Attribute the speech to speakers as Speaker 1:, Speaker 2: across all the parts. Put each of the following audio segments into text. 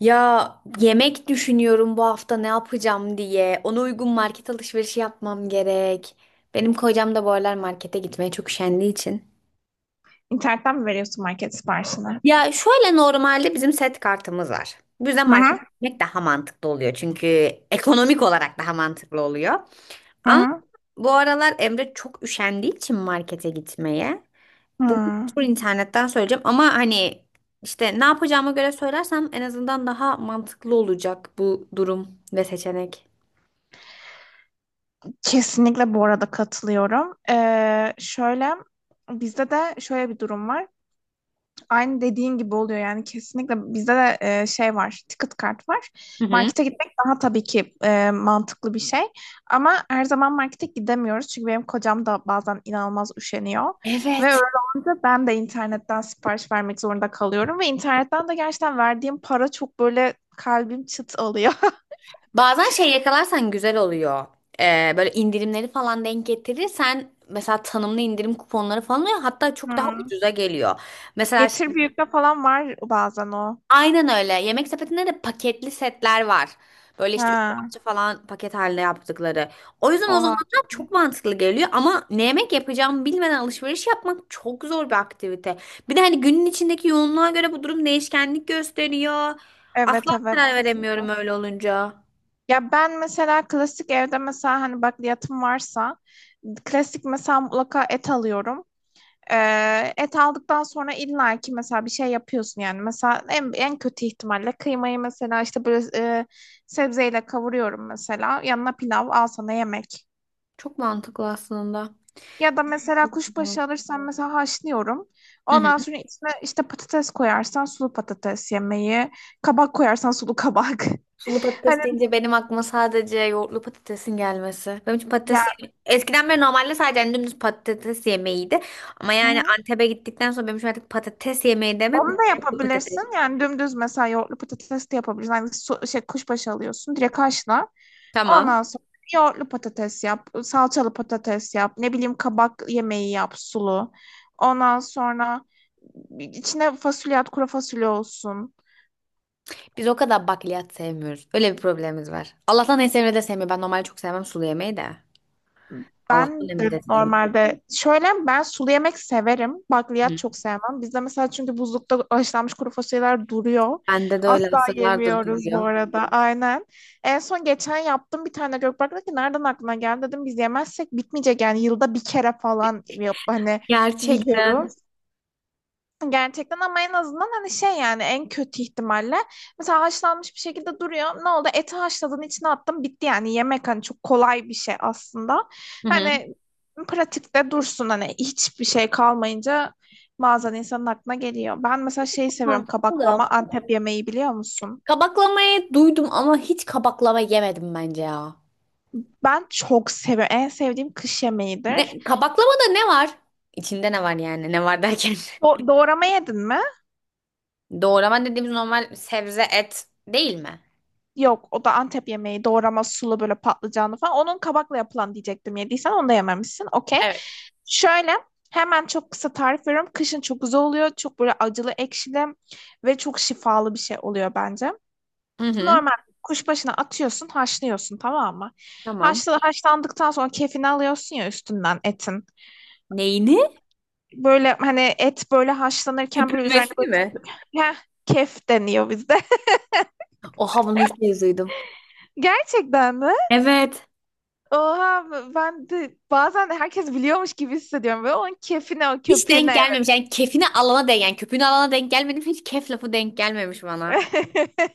Speaker 1: Ya yemek düşünüyorum bu hafta ne yapacağım diye. Ona uygun market alışverişi yapmam gerek. Benim kocam da bu aralar markete gitmeye çok üşendiği için.
Speaker 2: İnternetten mi veriyorsun market siparişini?
Speaker 1: Ya şöyle normalde bizim set kartımız var. Bu yüzden
Speaker 2: Hı
Speaker 1: markete
Speaker 2: hı.
Speaker 1: gitmek daha mantıklı oluyor. Çünkü ekonomik olarak daha mantıklı oluyor.
Speaker 2: Hı
Speaker 1: Ama
Speaker 2: hı.
Speaker 1: bu aralar Emre çok üşendiği için markete gitmeye. Bugün
Speaker 2: Hı.
Speaker 1: tur internetten söyleyeceğim ama hani işte ne yapacağıma göre söylersem en azından daha mantıklı olacak bu durum ve seçenek.
Speaker 2: Kesinlikle bu arada katılıyorum. Şöyle bizde de şöyle bir durum var. Aynı dediğin gibi oluyor yani kesinlikle bizde de şey var, ticket kart var.
Speaker 1: Hı hı.
Speaker 2: Markete gitmek daha tabii ki mantıklı bir şey, ama her zaman markete gidemiyoruz çünkü benim kocam da bazen inanılmaz üşeniyor ve öyle
Speaker 1: Evet.
Speaker 2: olunca ben de internetten sipariş vermek zorunda kalıyorum, ve internetten de gerçekten verdiğim para çok, böyle kalbim çıt oluyor.
Speaker 1: Bazen şey yakalarsan güzel oluyor. Böyle indirimleri falan denk getirirsen mesela tanımlı indirim kuponları falan oluyor. Hatta çok daha
Speaker 2: Hmm.
Speaker 1: ucuza geliyor. Mesela
Speaker 2: Getir büyükte falan var bazen o.
Speaker 1: aynen öyle. Yemek sepetinde de paketli setler var. Böyle işte üç
Speaker 2: Ha,
Speaker 1: parça falan paket halinde yaptıkları. O yüzden o
Speaker 2: oha.
Speaker 1: zamanlar çok mantıklı geliyor ama ne yemek yapacağımı bilmeden alışveriş yapmak çok zor bir aktivite. Bir de hani günün içindeki yoğunluğa göre bu durum değişkenlik gösteriyor.
Speaker 2: Evet,
Speaker 1: Asla
Speaker 2: evet,
Speaker 1: karar
Speaker 2: kesinlikle.
Speaker 1: veremiyorum öyle olunca.
Speaker 2: Ya ben mesela klasik, evde mesela hani bakliyatım varsa, klasik mesela mutlaka et alıyorum. Et aldıktan sonra illa ki mesela bir şey yapıyorsun yani, mesela en kötü ihtimalle kıymayı mesela işte böyle sebzeyle kavuruyorum, mesela yanına pilav, al sana yemek.
Speaker 1: Çok mantıklı aslında.
Speaker 2: Ya da mesela
Speaker 1: Ya.
Speaker 2: kuşbaşı alırsan, mesela haşlıyorum.
Speaker 1: Hı hı.
Speaker 2: Ondan sonra içine işte patates koyarsan sulu patates yemeği, kabak koyarsan sulu kabak.
Speaker 1: Sulu
Speaker 2: Hani,
Speaker 1: patates deyince benim aklıma sadece yoğurtlu patatesin gelmesi. Benim için patates
Speaker 2: ya,
Speaker 1: eskiden beri normalde sadece hani dümdüz patates yemeğiydi. Ama
Speaker 2: hı
Speaker 1: yani
Speaker 2: hı.
Speaker 1: Antep'e gittikten sonra benim için artık patates yemeği demek
Speaker 2: Onu da
Speaker 1: yoğurtlu patates.
Speaker 2: yapabilirsin. Yani dümdüz mesela yoğurtlu patates de yapabilirsin. Hani, şey, kuşbaşı alıyorsun. Direkt haşla.
Speaker 1: Tamam.
Speaker 2: Ondan sonra yoğurtlu patates yap. Salçalı patates yap. Ne bileyim kabak yemeği yap, sulu. Ondan sonra içine fasulye at. Kuru fasulye olsun.
Speaker 1: Biz o kadar bakliyat sevmiyoruz. Öyle bir problemimiz var. Allah'tan en sevmediği de sevmiyor. Ben normalde çok sevmem sulu yemeği de. Allah'tan
Speaker 2: Ben
Speaker 1: emri
Speaker 2: de
Speaker 1: de sevmiyor.
Speaker 2: normalde şöyle, ben sulu yemek severim. Bakliyat
Speaker 1: Hı.
Speaker 2: çok sevmem. Bizde mesela, çünkü buzlukta haşlanmış kuru fasulyeler duruyor.
Speaker 1: Bende de öyle
Speaker 2: Asla
Speaker 1: asırlardır
Speaker 2: yemiyoruz bu
Speaker 1: duruyor.
Speaker 2: arada. Aynen. En son geçen yaptım, bir tane Gökberk dedi ki nereden aklına geldi, dedim biz yemezsek bitmeyecek yani, yılda bir kere falan yap, hani
Speaker 1: Gerçekten.
Speaker 2: yiyoruz. Gerçekten, ama en azından hani, şey yani en kötü ihtimalle mesela haşlanmış bir şekilde duruyor. Ne oldu? Eti haşladın, içine attın, bitti, yani yemek hani çok kolay bir şey aslında.
Speaker 1: Hı hı.
Speaker 2: Hani, pratikte dursun, hani hiçbir şey kalmayınca bazen insanın aklına geliyor. Ben mesela şeyi seviyorum,
Speaker 1: Mantıklı
Speaker 2: kabaklama,
Speaker 1: da.
Speaker 2: Antep yemeği, biliyor musun?
Speaker 1: Kabaklamayı duydum ama hiç kabaklama yemedim bence ya.
Speaker 2: Ben çok seviyorum. En sevdiğim kış yemeğidir.
Speaker 1: Ne, kabaklamada ne var? İçinde ne var yani? Ne var derken?
Speaker 2: Doğrama yedin mi?
Speaker 1: Doğrama dediğimiz normal sebze et değil mi?
Speaker 2: Yok, o da Antep yemeği, doğrama sulu böyle patlıcanlı falan. Onun kabakla yapılan diyecektim, yediysen onu da yememişsin. Okey.
Speaker 1: Evet.
Speaker 2: Şöyle, hemen çok kısa tarif veriyorum. Kışın çok güzel oluyor. Çok böyle acılı ekşili ve çok şifalı bir şey oluyor bence.
Speaker 1: Hı hı.
Speaker 2: Normal kuşbaşına atıyorsun, haşlıyorsun, tamam mı?
Speaker 1: Tamam.
Speaker 2: Haşlandıktan sonra kefini alıyorsun ya, üstünden etin.
Speaker 1: Neyini?
Speaker 2: Böyle hani et böyle haşlanırken böyle üzerine
Speaker 1: Köpürmesini
Speaker 2: böyle,
Speaker 1: mi?
Speaker 2: heh, kef deniyor bizde.
Speaker 1: Oha bunu ilk kez duydum.
Speaker 2: Gerçekten mi?
Speaker 1: Evet.
Speaker 2: Oha, ben de bazen herkes biliyormuş gibi hissediyorum. Böyle onun keyfine, o
Speaker 1: Hiç
Speaker 2: köpüğüne,
Speaker 1: denk gelmemiş. Yani kefini alana denk. Yani köpüğünü alana denk gelmedim. Hiç kef lafı denk gelmemiş bana.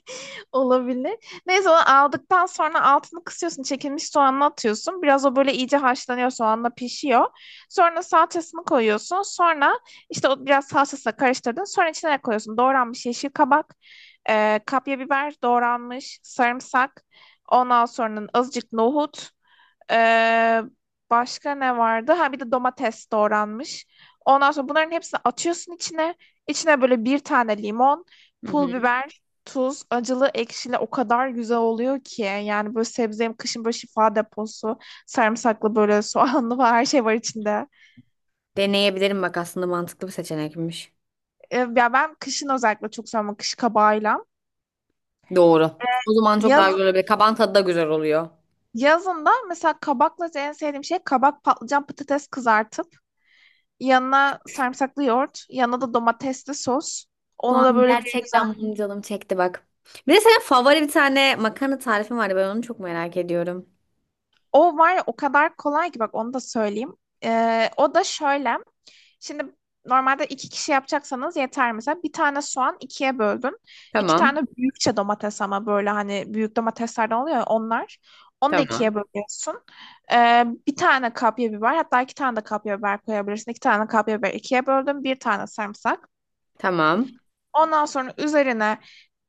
Speaker 2: olabilir. Neyse, onu aldıktan sonra altını kısıyorsun. Çekilmiş soğanını atıyorsun. Biraz o böyle iyice haşlanıyor, soğanla pişiyor. Sonra salçasını koyuyorsun. Sonra işte o biraz salçasıyla karıştırdın. Sonra içine ne koyuyorsun? Doğranmış yeşil kabak, kapya biber doğranmış, sarımsak. Ondan sonra azıcık nohut. Ee, Başka ne vardı? Ha, bir de domates doğranmış. Ondan sonra bunların hepsini atıyorsun içine. İçine böyle bir tane limon,
Speaker 1: Hı hı.
Speaker 2: pul biber, tuz, acılı, ekşili, o kadar güzel oluyor ki. Yani böyle sebze, kışın böyle şifa deposu, sarımsaklı böyle soğanlı falan, her şey var içinde.
Speaker 1: Deneyebilirim bak aslında mantıklı bir seçenekmiş.
Speaker 2: Ya ben kışın özellikle çok seviyorum, kış kabağıyla.
Speaker 1: Doğru. O zaman çok
Speaker 2: Yaz,
Speaker 1: daha güzel olabilir. Kabağın tadı da güzel oluyor.
Speaker 2: Yazında mesela kabakla en sevdiğim şey, kabak, patlıcan, patates kızartıp yanına sarımsaklı yoğurt, yanına da domatesli sos.
Speaker 1: Şu
Speaker 2: Ona da
Speaker 1: an
Speaker 2: böyle bir
Speaker 1: gerçekten
Speaker 2: güzel.
Speaker 1: benim canım çekti bak. Bir de senin favori bir tane makarna tarifin vardı. Ben onu çok merak ediyorum.
Speaker 2: O var ya, o kadar kolay ki, bak onu da söyleyeyim. O da şöyle. Şimdi normalde iki kişi yapacaksanız yeter mesela. Bir tane soğan ikiye böldün. İki
Speaker 1: Tamam,
Speaker 2: tane büyükçe domates, ama böyle hani büyük domateslerden oluyor ya onlar. Onu da ikiye
Speaker 1: tamam,
Speaker 2: bölüyorsun. Bir tane kapya biber, hatta iki tane de kapya biber koyabilirsin. İki tane kapya biber ikiye böldüm. Bir tane sarımsak.
Speaker 1: tamam,
Speaker 2: Ondan sonra üzerine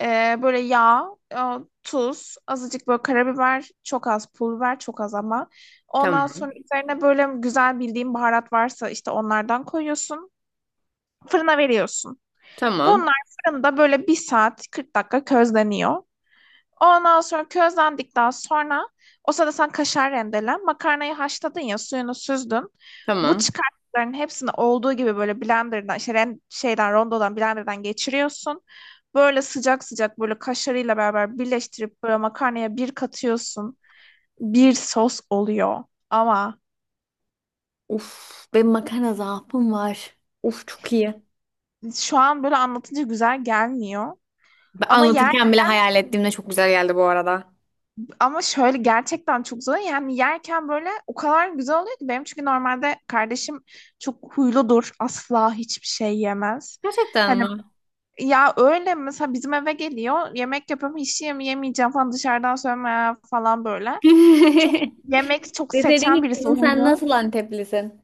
Speaker 2: böyle yağ, e, tuz, azıcık böyle karabiber, çok az pul biber, çok az ama. Ondan
Speaker 1: tamam,
Speaker 2: sonra üzerine böyle güzel bildiğin baharat varsa işte onlardan koyuyorsun. Fırına veriyorsun.
Speaker 1: tamam,
Speaker 2: Bunlar fırında böyle 1 saat 40 dakika közleniyor. Ondan sonra közlendikten sonra o sırada sen kaşar rendelen, makarnayı haşladın ya, suyunu süzdün. Bu
Speaker 1: tamam.
Speaker 2: çıkarttıkların hepsini olduğu gibi böyle blenderdan, işte şeyden, rondodan, blenderdan geçiriyorsun. Böyle sıcak sıcak böyle kaşarıyla beraber birleştirip böyle makarnaya bir katıyorsun. Bir sos oluyor. Ama
Speaker 1: Uf, benim makarna zaafım var. Uf çok iyi.
Speaker 2: şu an böyle anlatınca güzel gelmiyor.
Speaker 1: Ben
Speaker 2: Ama yer
Speaker 1: anlatırken bile hayal ettiğimde çok güzel geldi bu arada.
Speaker 2: Ama şöyle, gerçekten çok zor. Yani yerken böyle o kadar güzel oluyor ki, benim çünkü normalde kardeşim çok huyludur. Asla hiçbir şey yemez.
Speaker 1: Gerçekten
Speaker 2: Hani
Speaker 1: mi?
Speaker 2: ya, öyle mesela bizim eve geliyor, yemek yapıyorum, hiç yemeyeceğim falan, dışarıdan söyleme ya falan böyle. Çok yemek, çok
Speaker 1: Deseydin
Speaker 2: seçen
Speaker 1: ki
Speaker 2: birisi o,
Speaker 1: kızım sen
Speaker 2: huylu.
Speaker 1: nasıl Anteplisin?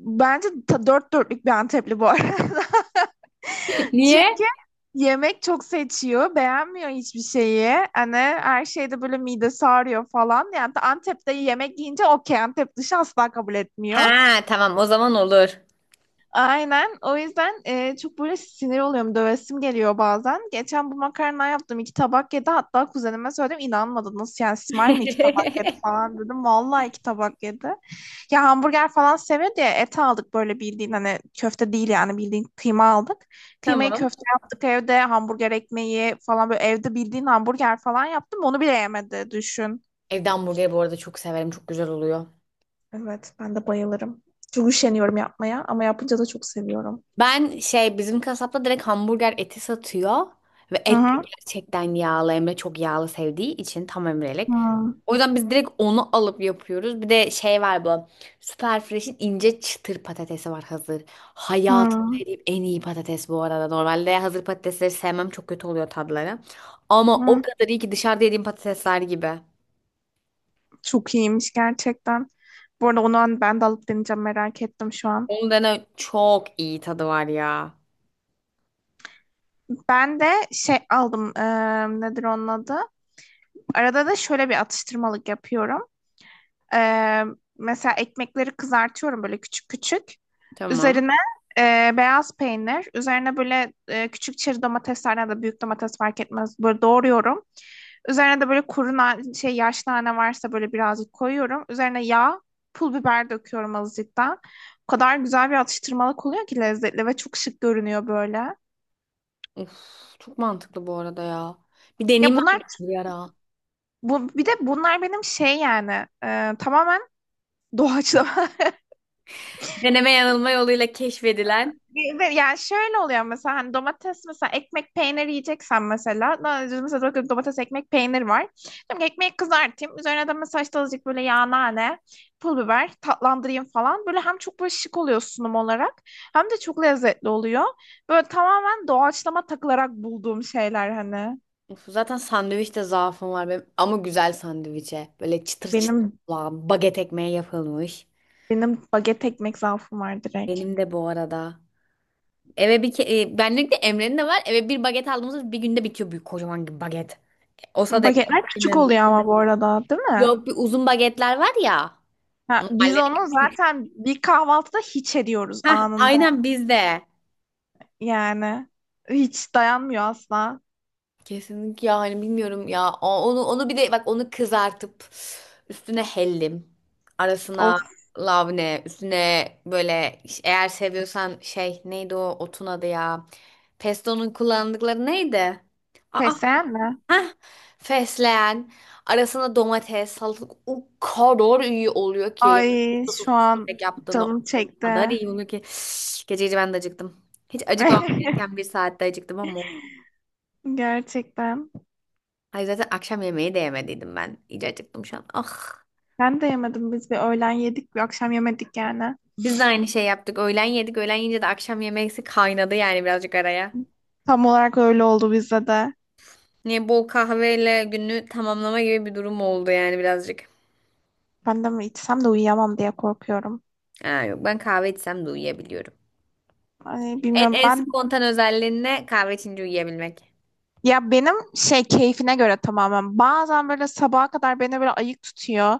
Speaker 2: Bence dört dörtlük bir Antepli bu arada.
Speaker 1: Niye?
Speaker 2: Çünkü yemek çok seçiyor, beğenmiyor hiçbir şeyi. Hani her şeyde böyle midesi ağrıyor falan. Yani Antep'te yemek yiyince okey, Antep dışı asla kabul etmiyor.
Speaker 1: Ha, tamam o zaman olur.
Speaker 2: Aynen. O yüzden çok böyle sinir oluyorum. Dövesim geliyor bazen. Geçen bu makarna yaptım, iki tabak yedi. Hatta kuzenime söyledim, inanmadı. Nasıl yani Simay mı iki tabak yedi
Speaker 1: Evde.
Speaker 2: falan, dedim. Vallahi iki tabak yedi. Ya hamburger falan seviyor diye et aldık, böyle bildiğin hani köfte değil yani, bildiğin kıyma aldık. Kıymayı
Speaker 1: Tamam.
Speaker 2: köfte yaptık evde. Hamburger ekmeği falan, böyle evde bildiğin hamburger falan yaptım. Onu bile yemedi, düşün.
Speaker 1: Evde hamburgeri bu arada çok severim. Çok güzel oluyor.
Speaker 2: Evet, ben de bayılırım. Çok üşeniyorum yapmaya ama yapınca da çok seviyorum.
Speaker 1: Ben şey bizim kasapta direkt hamburger eti satıyor ve
Speaker 2: Hı
Speaker 1: et de
Speaker 2: hı.
Speaker 1: gerçekten yağlı Emre çok yağlı sevdiği için tam Emre'lik.
Speaker 2: Hı.
Speaker 1: O yüzden biz direkt onu alıp yapıyoruz. Bir de şey var bu Süper Fresh'in ince çıtır patatesi var hazır. Hayatımda
Speaker 2: Hmm,
Speaker 1: yediğim en iyi patates bu arada. Normalde hazır patatesleri sevmem çok kötü oluyor tadları. Ama o
Speaker 2: hmm.
Speaker 1: kadar iyi ki dışarıda yediğim patatesler gibi.
Speaker 2: Çok iyiymiş gerçekten. Bu arada onu ben de alıp deneyeceğim, merak ettim şu an.
Speaker 1: Onun dene çok iyi tadı var ya.
Speaker 2: Ben de şey aldım, nedir onun adı? Arada da şöyle bir atıştırmalık yapıyorum. Eee, Mesela ekmekleri kızartıyorum böyle küçük küçük.
Speaker 1: Tamam.
Speaker 2: Üzerine beyaz peynir, üzerine böyle küçük çeri domatesler ya da büyük domates, fark etmez. Böyle doğruyorum. Üzerine de böyle kuru na- şey yaş nane varsa böyle birazcık koyuyorum. Üzerine yağ, pul biber döküyorum azıcıktan. O kadar güzel bir atıştırmalık oluyor ki, lezzetli ve çok şık görünüyor böyle.
Speaker 1: Uf, çok mantıklı bu arada ya. Bir deneyeyim
Speaker 2: Ya bunlar,
Speaker 1: ben bir ara.
Speaker 2: bu bir de bunlar benim şey yani, tamamen doğaçlama.
Speaker 1: Deneme yanılma yoluyla keşfedilen.
Speaker 2: Ve yani şöyle oluyor, mesela hani domates mesela ekmek peynir yiyeceksen mesela, mesela bakıyorum, domates, ekmek, peynir var. Diyorum ki ekmeği kızartayım. Üzerine de mesela işte azıcık böyle yağ, nane, pul biber, tatlandırayım falan. Böyle hem çok böyle şık oluyor sunum olarak, hem de çok lezzetli oluyor. Böyle tamamen doğaçlama takılarak bulduğum şeyler hani.
Speaker 1: Of, zaten sandviçte zaafım var benim. Ama güzel sandviçe. Böyle çıtır çıtır
Speaker 2: Benim
Speaker 1: olan baget ekmeği yapılmış.
Speaker 2: benim baget ekmek zaafım var direkt.
Speaker 1: Benim de bu arada. Eve bir benlik de Emre'nin de var. Eve bir baget aldığımızda bir günde bitiyor büyük kocaman gibi baget. Olsa da ekmek
Speaker 2: Bagetler küçük
Speaker 1: yemem.
Speaker 2: oluyor ama bu arada, değil mi?
Speaker 1: Yok bir uzun bagetler var ya.
Speaker 2: Ha, biz
Speaker 1: Normalleri
Speaker 2: onu
Speaker 1: küçük.
Speaker 2: zaten bir kahvaltıda hiç ediyoruz
Speaker 1: Hah
Speaker 2: anında.
Speaker 1: aynen bizde.
Speaker 2: Yani hiç dayanmıyor asla.
Speaker 1: Kesinlikle yani bilmiyorum ya. Onu onu bir de bak onu kızartıp üstüne hellim, arasına
Speaker 2: Of,
Speaker 1: lavne, üstüne böyle eğer seviyorsan şey neydi o otun adı ya? Pesto'nun kullandıkları neydi? Aa,
Speaker 2: fesleğen mi?
Speaker 1: heh, fesleğen, arasına domates, salatalık o kadar iyi oluyor ki. Yani
Speaker 2: Ay,
Speaker 1: sosu
Speaker 2: şu an
Speaker 1: sürekli yaptığını o
Speaker 2: canım
Speaker 1: kadar
Speaker 2: çekti.
Speaker 1: iyi oluyor ki. Gece gece ben de acıktım. Hiç acıkmamam gereken bir saatte acıktım ama
Speaker 2: Gerçekten.
Speaker 1: hayır zaten akşam yemeği de yemediydim ben. İyice acıktım şu an. Ah.
Speaker 2: Ben de yemedim. Biz bir öğlen yedik, bir akşam yemedik yani.
Speaker 1: Biz de aynı şey yaptık. Öğlen yedik. Öğlen yiyince de akşam yemeksi kaynadı yani birazcık araya.
Speaker 2: Tam olarak öyle oldu bizde de.
Speaker 1: Ne bol kahveyle günü tamamlama gibi bir durum oldu yani birazcık.
Speaker 2: Ben de mi içsem de uyuyamam diye korkuyorum.
Speaker 1: Aa, yok ben kahve içsem de uyuyabiliyorum.
Speaker 2: Ay,
Speaker 1: En,
Speaker 2: bilmiyorum,
Speaker 1: en
Speaker 2: ben
Speaker 1: spontan özelliğin ne? Kahve içince uyuyabilmek.
Speaker 2: ya, benim şey, keyfine göre tamamen. Bazen böyle sabaha kadar beni böyle ayık tutuyor.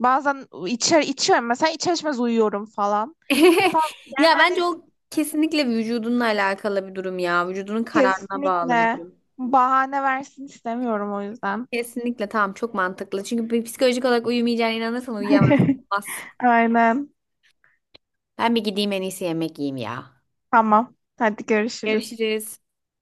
Speaker 2: Bazen içer içiyorum mesela, içer içmez uyuyorum falan. Tam- yani
Speaker 1: Ya bence
Speaker 2: hani,
Speaker 1: o kesinlikle vücudunla alakalı bir durum ya. Vücudunun kararına bağlı bir
Speaker 2: kesinlikle.
Speaker 1: durum.
Speaker 2: Bahane versin istemiyorum o yüzden.
Speaker 1: Kesinlikle tamam çok mantıklı. Çünkü bir psikolojik olarak uyumayacağına inanırsan uyuyamazsın. Olmaz.
Speaker 2: Aynen.
Speaker 1: Ben bir gideyim en iyisi yemek yiyeyim ya.
Speaker 2: Tamam. Hadi görüşürüz.
Speaker 1: Görüşürüz.